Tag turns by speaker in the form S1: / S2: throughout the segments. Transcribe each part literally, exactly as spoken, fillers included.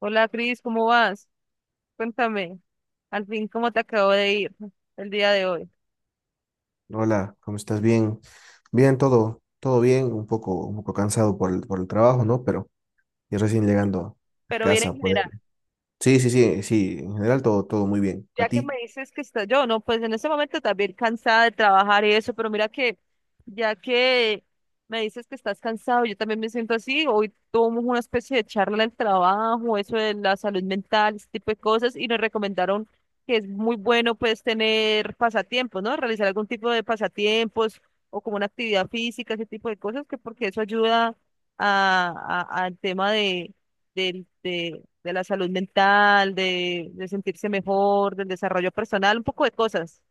S1: Hola Cris, ¿cómo vas? Cuéntame, al fin, ¿cómo te acabo de ir el día de hoy?
S2: Hola, ¿cómo estás? Bien, bien, todo, todo bien, un poco, un poco cansado por el, por el trabajo, ¿no? Pero ya recién llegando a
S1: Pero bien
S2: casa
S1: en
S2: a poder.
S1: general.
S2: Sí, sí, sí, sí, en general todo, todo muy bien. ¿A
S1: Ya que me
S2: ti?
S1: dices que está yo, no, pues en este momento también cansada de trabajar y eso, pero mira que ya que me dices que estás cansado, yo también me siento así. Hoy tuvimos una especie de charla del trabajo, eso de la salud mental, ese tipo de cosas, y nos recomendaron que es muy bueno pues tener pasatiempos, ¿no? Realizar algún tipo de pasatiempos o como una actividad física, ese tipo de cosas, que porque eso ayuda a, a- al tema de, del- de, de la salud mental, de, de sentirse mejor, del desarrollo personal, un poco de cosas.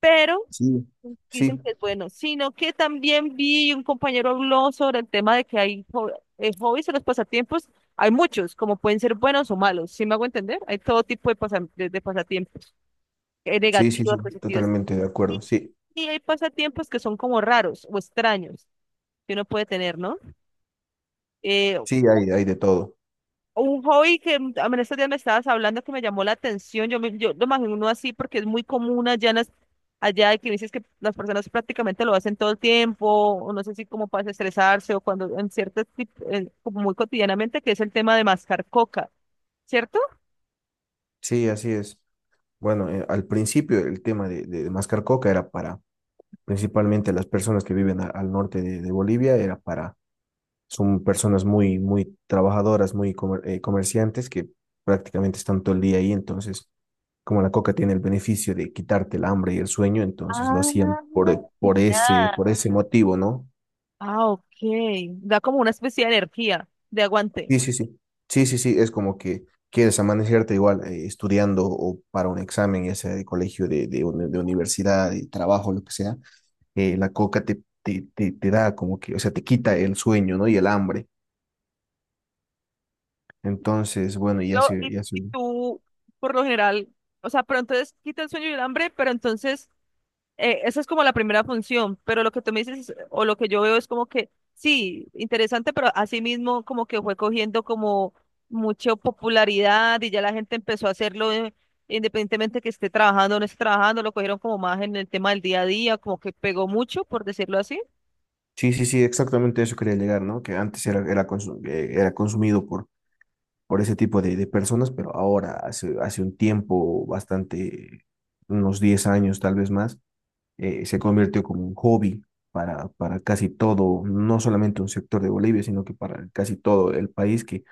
S1: Pero
S2: Sí. Sí,
S1: dicen que es bueno, sino que también vi un compañero habló sobre el tema de que hay jo- eh, hobbies o los pasatiempos, hay muchos, como pueden ser buenos o malos, ¿sí me hago entender? Hay todo tipo de, pasa- de, de pasatiempos, eh,
S2: sí, sí,
S1: negativos,
S2: sí,
S1: positivos.
S2: totalmente de acuerdo.
S1: Y,
S2: Sí,
S1: y hay pasatiempos que son como raros o extraños que uno puede tener, ¿no? Eh,
S2: sí, hay, hay de todo.
S1: Un hobby que mm, en estos días me estabas hablando que me llamó la atención, yo, me- yo lo imagino así porque es muy común allá, en las- allá y que dices que las personas prácticamente lo hacen todo el tiempo, o no sé si como para estresarse o cuando en ciertos, como muy cotidianamente, que es el tema de mascar coca, ¿cierto?
S2: Sí, así es. Bueno, eh, al principio el tema de, de, de mascar coca era para, principalmente las personas que viven a- al norte de, de Bolivia, era para son personas muy, muy trabajadoras, muy comer- eh, comerciantes que prácticamente están todo el día ahí. Entonces, como la coca tiene el beneficio de quitarte el hambre y el sueño, entonces lo
S1: Ah,
S2: hacían por, por ese,
S1: ya.
S2: por ese motivo, ¿no?
S1: Ah, ok, da como una especie de energía, de aguante.
S2: Sí, sí, sí. Sí, sí, sí. Es como que quieres amanecerte igual eh, estudiando o para un examen, ya sea de colegio, de, de, uni- de universidad, de trabajo, lo que sea. eh, la coca te, te, te, te da como que, o sea, te quita el sueño, ¿no? Y el hambre. Entonces, bueno, ya
S1: Lo, y,
S2: se, ya se,
S1: y tú, por lo general, o sea, pero entonces quita el sueño y el hambre, pero entonces... eh, Esa es como la primera función, pero lo que tú me dices es- o lo que yo veo es como que sí, interesante, pero asimismo como que fue cogiendo como mucha popularidad y ya la gente empezó a hacerlo eh, independientemente que esté trabajando o no esté trabajando, lo cogieron como más en el tema del día a día, como que pegó mucho, por decirlo así.
S2: sí, sí, sí, exactamente eso quería llegar, ¿no? Que antes era, era, consu- eh, era consumido por, por ese tipo de, de personas, pero ahora, hace, hace un tiempo bastante, unos diez años tal vez más, eh, se convirtió como un hobby para, para casi todo, no solamente un sector de Bolivia, sino que para casi todo el país que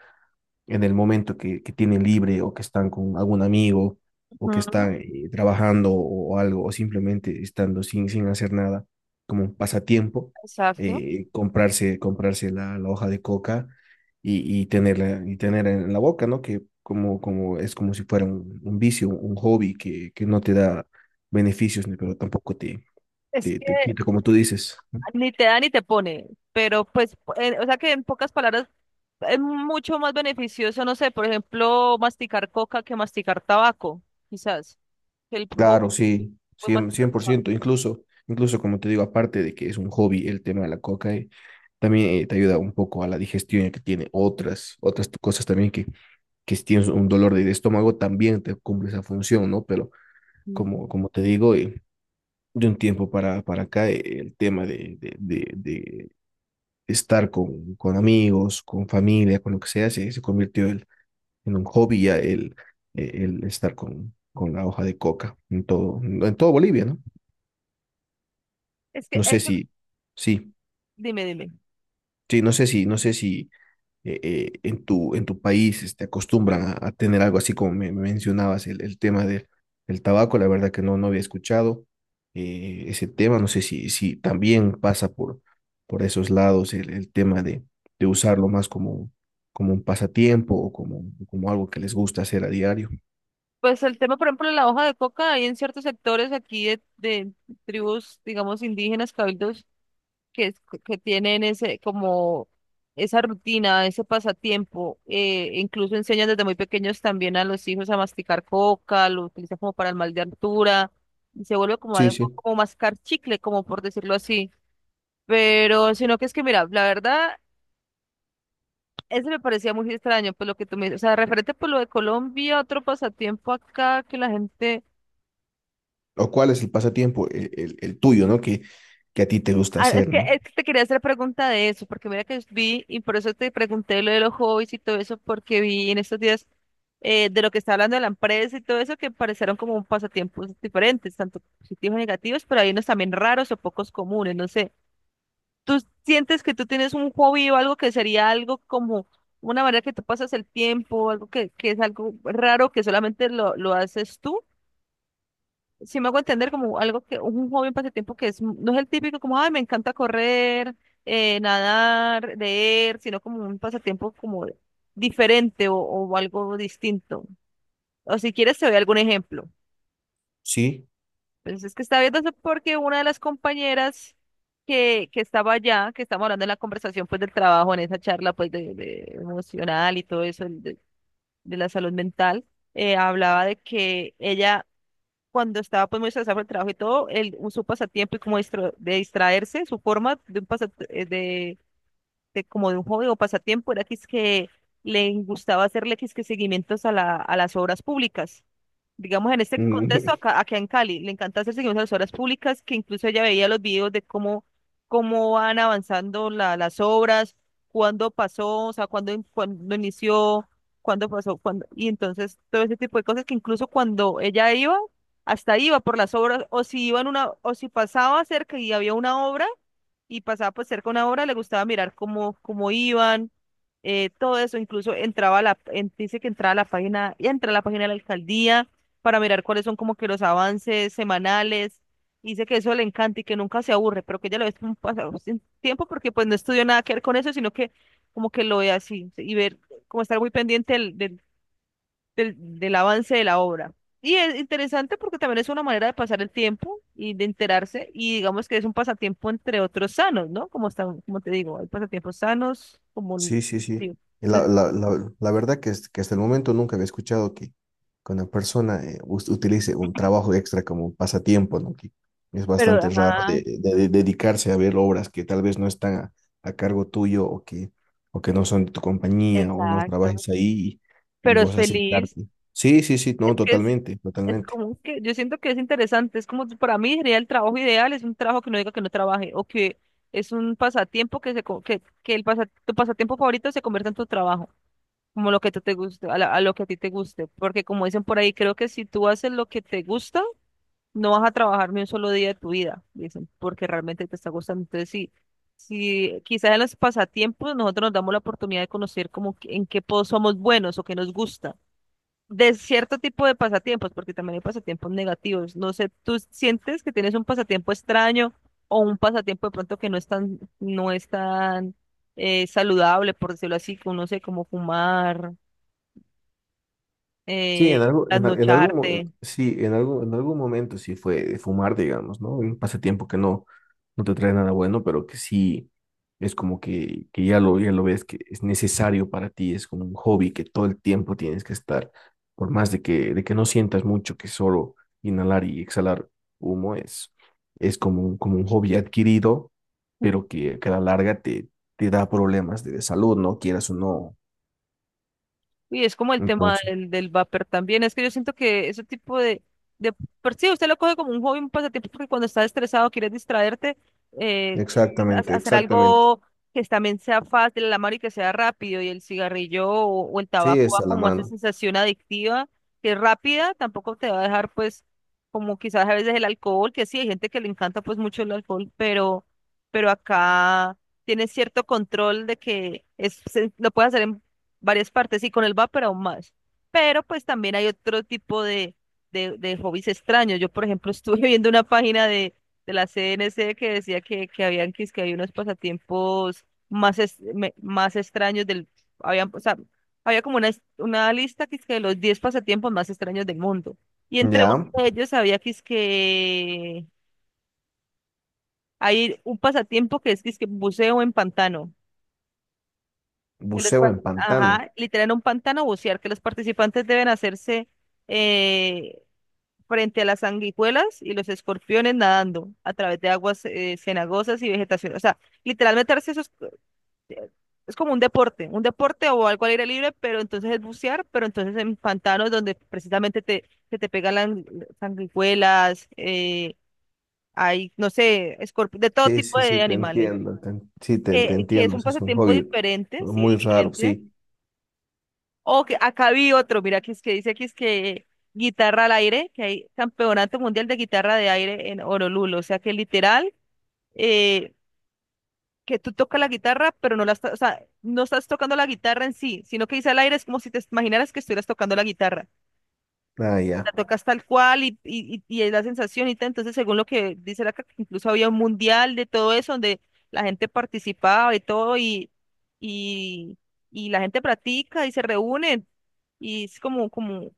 S2: en el momento que, que tienen libre o que están con algún amigo o que
S1: Ujú.
S2: están eh, trabajando o, o algo o simplemente estando sin, sin hacer nada como un pasatiempo,
S1: Exacto.
S2: eh, comprarse, comprarse la, la hoja de coca y, y, tenerla, y tener en la boca, ¿no? Que como, como es como si fuera un, un vicio, un hobby que, que no te da beneficios, ni pero tampoco te,
S1: Es
S2: te, te
S1: que
S2: quita, como tú dices.
S1: ni te da ni te pone, pero pues, eh, o sea que en pocas palabras es mucho más beneficioso, no sé, por ejemplo, masticar coca que masticar tabaco, quizás. el po-
S2: Claro, sí,
S1: Podemos
S2: cien,
S1: hablar
S2: cien por
S1: pa-
S2: ciento. Incluso, incluso como te digo, aparte de que es un hobby el tema de la coca, eh, también eh, te ayuda un poco a la digestión, ya que tiene otras, otras t- cosas también que, que si tienes un dolor de, de estómago, también te cumple esa función, ¿no? Pero
S1: Mm.
S2: como, como te digo, eh, de un tiempo para, para acá, eh, el tema de, de, de, de estar con, con amigos, con familia, con lo que sea, se, se convirtió el- en un hobby ya el, el estar con, con la hoja de coca en todo, en todo Bolivia, ¿no?
S1: Es que
S2: No sé
S1: eso,
S2: si, sí,
S1: dime, dime.
S2: sí, no sé si, no sé si eh, eh, en tu, en tu país este, acostumbran a, a tener algo así como me, me mencionabas, el, el tema del, del tabaco, la verdad que no, no había escuchado eh, ese tema, no sé si, si también pasa por, por esos lados el, el tema de, de usarlo más como, como un pasatiempo o como, como algo que les gusta hacer a diario.
S1: Pues el tema, por ejemplo, de la hoja de coca, hay en ciertos sectores aquí de, de tribus, digamos, indígenas, cabildos, que, es- que tienen ese, como esa rutina, ese pasatiempo. Eh, incluso enseñan desde muy pequeños también a los hijos a masticar coca, lo utilizan como para el mal de altura, y se vuelve como
S2: Sí,
S1: algo
S2: sí.
S1: como mascar chicle, como por decirlo así. Pero, sino que es que, mira, la verdad. Eso me parecía muy extraño, pues lo que tú me dices, o sea, referente por lo de Colombia, otro pasatiempo acá que la gente...
S2: ¿O cuál es el pasatiempo? El, el, el tuyo, ¿no? Que, que a ti te gusta
S1: Ah, es
S2: hacer,
S1: que,
S2: ¿no?
S1: es que te quería hacer pregunta de eso, porque mira que vi, y por eso te pregunté lo de los hobbies y todo eso, porque vi en estos días eh, de lo que está hablando de la empresa y todo eso, que parecieron como pasatiempos diferentes, tanto positivos y negativos, pero hay unos también raros o pocos comunes, no sé. ¿Tú sientes que tú tienes un hobby o algo que sería algo como una manera que tú pasas el tiempo, algo que, que es algo raro que solamente lo, lo haces tú? Si me hago entender como algo que un hobby, un pasatiempo que es, no es el típico como, ay, me encanta correr, eh, nadar, leer, sino como un pasatiempo como diferente o, o algo distinto. O si quieres te doy algún ejemplo.
S2: Sí.
S1: Pues es que estaba viendo eso porque una de las compañeras que, que estaba allá, que estábamos hablando en la conversación pues del trabajo, en esa charla pues de, de emocional y todo eso, el de, de la salud mental, eh, hablaba de que ella cuando estaba pues muy estresada por el trabajo y todo, el, su pasatiempo y como distro- de distraerse, su forma de, un pasa- eh, de de como de un hobby o pasatiempo era que es que le gustaba hacerle que es que seguimientos a la, a las obras públicas. Digamos, en este contexto, acá, acá en Cali, le encanta hacer seguimientos a las obras públicas, que incluso ella veía los videos de cómo, cómo van avanzando la- las obras, cuándo pasó, o sea, cuándo, in- cuándo inició, cuándo pasó, cuándo, y entonces todo ese tipo de cosas que incluso cuando ella iba, hasta iba por las obras, o si iba en una, o si pasaba cerca y había una obra, y pasaba pues cerca una hora, le gustaba mirar cómo, cómo iban, eh, todo eso, incluso entraba a la, en- dice que entraba a la página, y entra a la página de la alcaldía para mirar cuáles son como que los avances semanales, y dice que eso le encanta y que nunca se aburre, pero que ella lo ve como un pasado sin tiempo porque pues no estudió nada que ver con eso, sino que como que lo ve así, y ver, como estar muy pendiente del, del, del, del avance de la obra. Y es interesante porque también es una manera de pasar el tiempo y de enterarse y digamos que es un pasatiempo entre otros sanos, ¿no? Como están, como te digo, hay pasatiempos sanos, como
S2: Sí, sí, sí.
S1: digo.
S2: Y La,
S1: Entonces,
S2: la, la, la verdad que, es- que hasta el momento nunca había escuchado que, que una persona eh, us- utilice un trabajo extra como un pasatiempo, ¿no? Que es
S1: pero,
S2: bastante raro
S1: ajá,
S2: de, de- de dedicarse a ver obras que tal vez no están a, a cargo tuyo o que, o que no son de tu compañía o no
S1: exacto.
S2: trabajes ahí y, y
S1: Pero es
S2: vos
S1: feliz.
S2: acercarte. Sí, sí, sí, no,
S1: Es que es,
S2: totalmente,
S1: es
S2: totalmente.
S1: como que yo siento que es interesante. Es como que para mí sería el trabajo ideal, es un trabajo que no diga que no trabaje o que es un pasatiempo que se co- que, que el pasa- tu pasatiempo favorito se convierta en tu trabajo. Como lo que te, te guste, a, la- a lo que a ti te guste, porque como dicen por ahí, creo que si tú haces lo que te gusta, no vas a trabajar ni un solo día de tu vida, dicen, porque realmente te está gustando. Entonces, sí, sí, quizás en los pasatiempos nosotros nos damos la oportunidad de conocer como que- en qué po- somos buenos o qué nos gusta. De cierto tipo de pasatiempos, porque también hay pasatiempos negativos. No sé, ¿tú sientes que tienes un pasatiempo extraño o un pasatiempo de pronto que no es tan, no es tan eh, saludable, por decirlo así, que uno sé, como fumar?
S2: Sí,
S1: eh,
S2: en algo- en, al- en algún, mo- en-
S1: trasnocharte,
S2: sí, en algún, en algún momento sí fue de fumar, digamos, ¿no? Un pasatiempo que no, no te trae nada bueno, pero que sí es como que, que ya lo, ya lo ves que es necesario para ti, es como un hobby que todo el tiempo tienes que estar, por más de que, de que no sientas mucho que solo inhalar y exhalar humo es, es como, un- como un hobby adquirido, pero que, que a la larga te, te da problemas de salud, ¿no? Quieras o no.
S1: Y es como el tema
S2: Entonces,
S1: del, del vapor también. Es que yo siento que ese tipo de, de... Por sí, usted lo coge como un hobby, un pasatiempo, porque cuando estás estresado, quieres distraerte, eh,
S2: exactamente,
S1: ha- hacer
S2: exactamente.
S1: algo que también sea fácil a la mano y que sea rápido. Y el cigarrillo o, o el
S2: Sí,
S1: tabaco
S2: está
S1: da
S2: a la
S1: como a esa
S2: mano.
S1: sensación adictiva, que es rápida, tampoco te va a dejar, pues, como quizás a veces el alcohol, que sí, hay gente que le encanta, pues, mucho el alcohol, pero, pero acá tienes cierto control de que es, se- lo puedes hacer en varias partes y con el vapor aún más. Pero pues también hay otro tipo de, de, de hobbies extraños. Yo, por ejemplo, estuve viendo una página de, de la C N C que decía que, que habían que, es que había unos pasatiempos más, es- me- más extraños del, habían, o sea, había como una, es- una lista que es que de los diez pasatiempos más extraños del mundo. Y entre
S2: Ya,
S1: uno de ellos había que es que hay un pasatiempo que es que es que buceo en pantano. que los
S2: buceo
S1: par-
S2: en pantano.
S1: ajá, literal en un pantano bucear, que los participantes deben hacerse eh, frente a las sanguijuelas y los escorpiones nadando a través de aguas eh, cenagosas y vegetación. O sea, literal meterse esos eh, es como un deporte, un deporte o algo al aire libre, pero entonces es bucear, pero entonces en pantanos donde precisamente te, se te pegan las sanguijuelas, eh, hay, no sé, escorp- de todo
S2: Sí,
S1: tipo
S2: sí, sí,
S1: de
S2: te
S1: animales.
S2: entiendo. te en- sí, te, te
S1: Que, que es
S2: entiendo.
S1: un
S2: Ese es un
S1: pasatiempo
S2: hobby
S1: diferente, sí,
S2: muy raro,
S1: diferente.
S2: sí.
S1: O que acá vi otro, mira, que es que dice que es que guitarra al aire, que hay campeonato mundial de guitarra de aire en Honolulu, o sea que literal, eh, que tú tocas la guitarra, pero no la estás, o sea, no estás tocando la guitarra en sí, sino que dice al aire es como si te imaginaras que estuvieras tocando la guitarra.
S2: Ah,
S1: La
S2: ya.
S1: tocas tal cual y, y, y y es la sensación y tal. Entonces, según lo que dice la que incluso había un mundial de todo eso, donde la gente participaba y todo, y, y, y la gente practica y se reúnen. Y es como, como,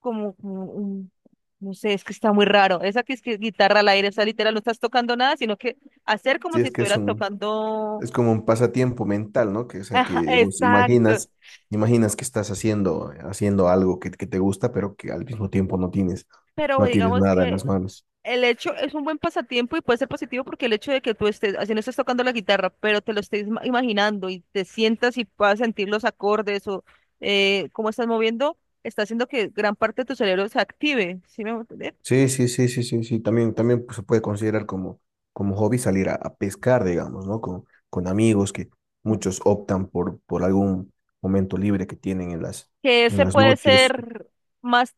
S1: como, como un- no sé, es que está muy raro. Esa que es que guitarra al aire, esa literal no estás tocando nada, sino que hacer como
S2: Sí,
S1: si
S2: es que es
S1: estuvieras
S2: un,
S1: tocando.
S2: es como un pasatiempo mental, ¿no? Que, o sea,
S1: Ajá,
S2: que vos
S1: exacto.
S2: imaginas, imaginas que estás haciendo, haciendo algo que, que te gusta, pero que al mismo tiempo no tienes,
S1: Pero
S2: no tienes
S1: digamos
S2: nada en
S1: que
S2: las manos.
S1: el hecho es un buen pasatiempo y puede ser positivo porque el hecho de que tú estés, así no estés tocando la guitarra, pero te lo estés ma- imaginando y te sientas y puedas sentir los acordes o eh, cómo estás moviendo, está haciendo que gran parte de tu cerebro se active, ¿sí me voy a entender?
S2: Sí, sí, sí, sí, sí, sí. También, también pues, se puede considerar como, como hobby salir a, a pescar, digamos, ¿no? Con, con amigos que
S1: Ujú.
S2: muchos optan por, por algún momento libre que tienen en las,
S1: Que
S2: en
S1: ese
S2: las
S1: puede
S2: noches.
S1: ser más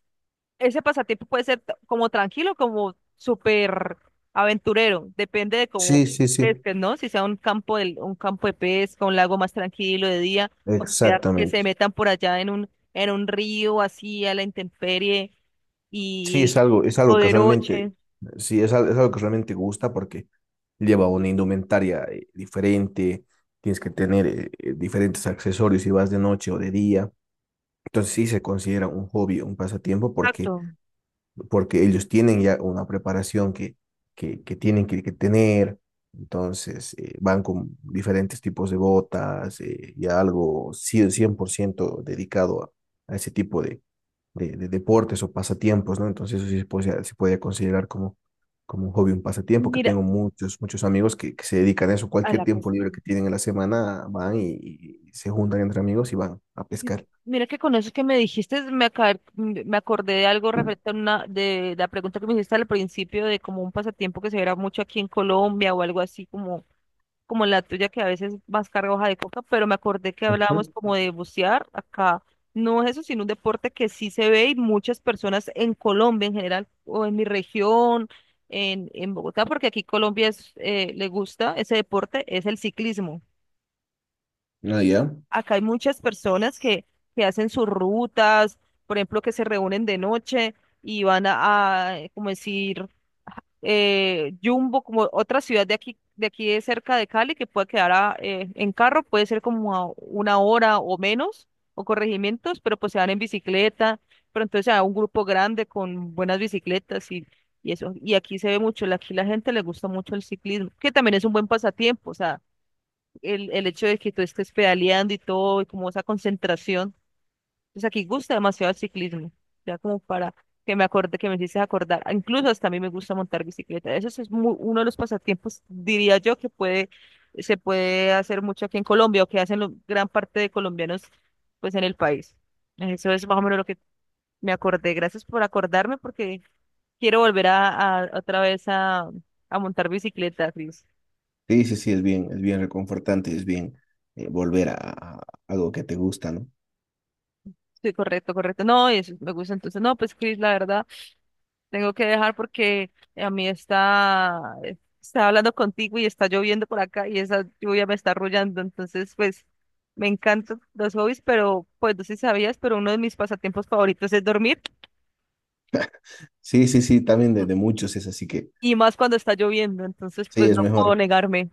S1: ese pasatiempo puede ser t- como tranquilo, como súper aventurero, depende de
S2: Sí,
S1: cómo
S2: sí, sí,
S1: pesques, ¿no? Si sea un campo de, un campo de pesca, un lago más tranquilo de día, o sea, que se
S2: exactamente.
S1: metan por allá en un, en un río así a la intemperie
S2: Sí, es
S1: y
S2: algo, es
S1: o
S2: algo que
S1: de
S2: realmente,
S1: noche.
S2: sí, es, al- es algo que realmente gusta porque lleva una indumentaria eh, diferente, tienes que tener eh, eh, diferentes accesorios si vas de noche o de día. Entonces sí se considera un hobby, un pasatiempo porque
S1: Exacto.
S2: porque ellos tienen ya una preparación que, que, que tienen que, que tener, entonces eh, van con diferentes tipos de botas eh, y algo cien por ciento, cien por ciento dedicado a, a ese tipo de, de, de deportes o pasatiempos, ¿no? Entonces eso sí se puede, se puede considerar como, como un hobby, un pasatiempo, que
S1: Mira,
S2: tengo muchos, muchos amigos que, que se dedican a eso,
S1: a
S2: cualquier
S1: la
S2: tiempo
S1: pesca.
S2: libre que tienen en la semana van y, y se juntan entre amigos y van a pescar.
S1: Ujú. Mira que con eso que me dijiste, me, aca- m- me acordé de algo referente a una, de, la pregunta que me hiciste al principio de como un pasatiempo que se verá mucho aquí en Colombia o algo así como como la tuya que a veces vas carga hoja de coca, pero me acordé que hablábamos
S2: Ujú.
S1: como de bucear acá. No es eso, sino un deporte que sí se ve y muchas personas en Colombia en general o en mi región, en, en Bogotá, porque aquí Colombia es, eh, le gusta ese deporte, es el ciclismo.
S2: Ah, ya.
S1: Acá hay muchas personas que, que hacen sus rutas, por ejemplo, que se reúnen de noche y van a, a, como decir, eh, Yumbo, como otra ciudad de aquí, de aquí de cerca de Cali, que puede quedar a- eh, en carro, puede ser como a una hora o menos, o corregimientos, pero pues se van en bicicleta, pero entonces se va un grupo grande con buenas bicicletas y, y eso. Y aquí se ve mucho, la- aquí la gente le gusta mucho el ciclismo, que también es un buen pasatiempo, o sea, el, el hecho de que tú estés pedaleando y todo, y como esa concentración. Pues aquí gusta demasiado el ciclismo, ya como para que me acorde, que me hiciste acordar. Ah, incluso hasta a mí me gusta montar bicicleta. Eso sí es mu- uno de los pasatiempos, diría yo, que puede, se puede hacer mucho aquí en Colombia o que hacen lo- gran parte de colombianos pues en el país. Eso es más o menos lo que me acordé. Gracias por acordarme porque quiero volver a, a- otra vez a, a montar bicicleta, Cris.
S2: Sí, sí, sí, es bien, es bien reconfortante, es bien eh, volver a, a algo que te gusta, ¿no?
S1: Sí, correcto, correcto. No, eso me gusta entonces. No, pues Cris, la verdad. Tengo que dejar porque a mí está, está hablando contigo y está lloviendo por acá y esa lluvia me está arrullando. Entonces, pues me encantan los hobbies, pero pues no sé si sabías, pero uno de mis pasatiempos favoritos es dormir
S2: Sí, sí, sí, también de,
S1: m-
S2: de muchos es así que
S1: y más cuando está lloviendo. Entonces,
S2: sí,
S1: pues
S2: es
S1: no puedo
S2: mejor.
S1: negarme.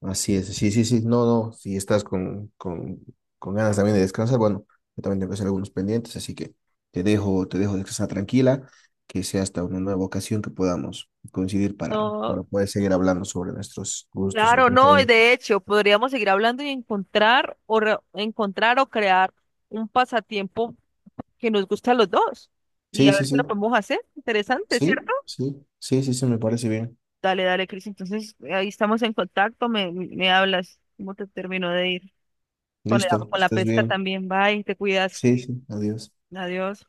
S2: Así es, sí, sí, sí, no, no, si estás con, con, con ganas también de descansar, bueno, yo también tengo que hacer algunos pendientes, así que te dejo, te dejo descansar tranquila, que sea hasta una nueva ocasión que podamos coincidir para,
S1: No,
S2: para poder seguir hablando sobre nuestros gustos o
S1: claro, no. Y
S2: preferencias.
S1: de hecho, podríamos seguir hablando y encontrar o re- encontrar o crear un pasatiempo que nos guste a los dos y a
S2: Sí, sí,
S1: ver si
S2: sí,
S1: lo podemos hacer. Interesante,
S2: sí,
S1: ¿cierto?
S2: sí, sí, sí, sí, me parece bien.
S1: Dale, dale, Cris. Entonces, ahí estamos en contacto. Me, me hablas cómo te terminó de ir con la,
S2: Listo, que
S1: con la
S2: estés
S1: pesca
S2: bien.
S1: también. Bye, te cuidas.
S2: Sí, sí, adiós.
S1: Adiós.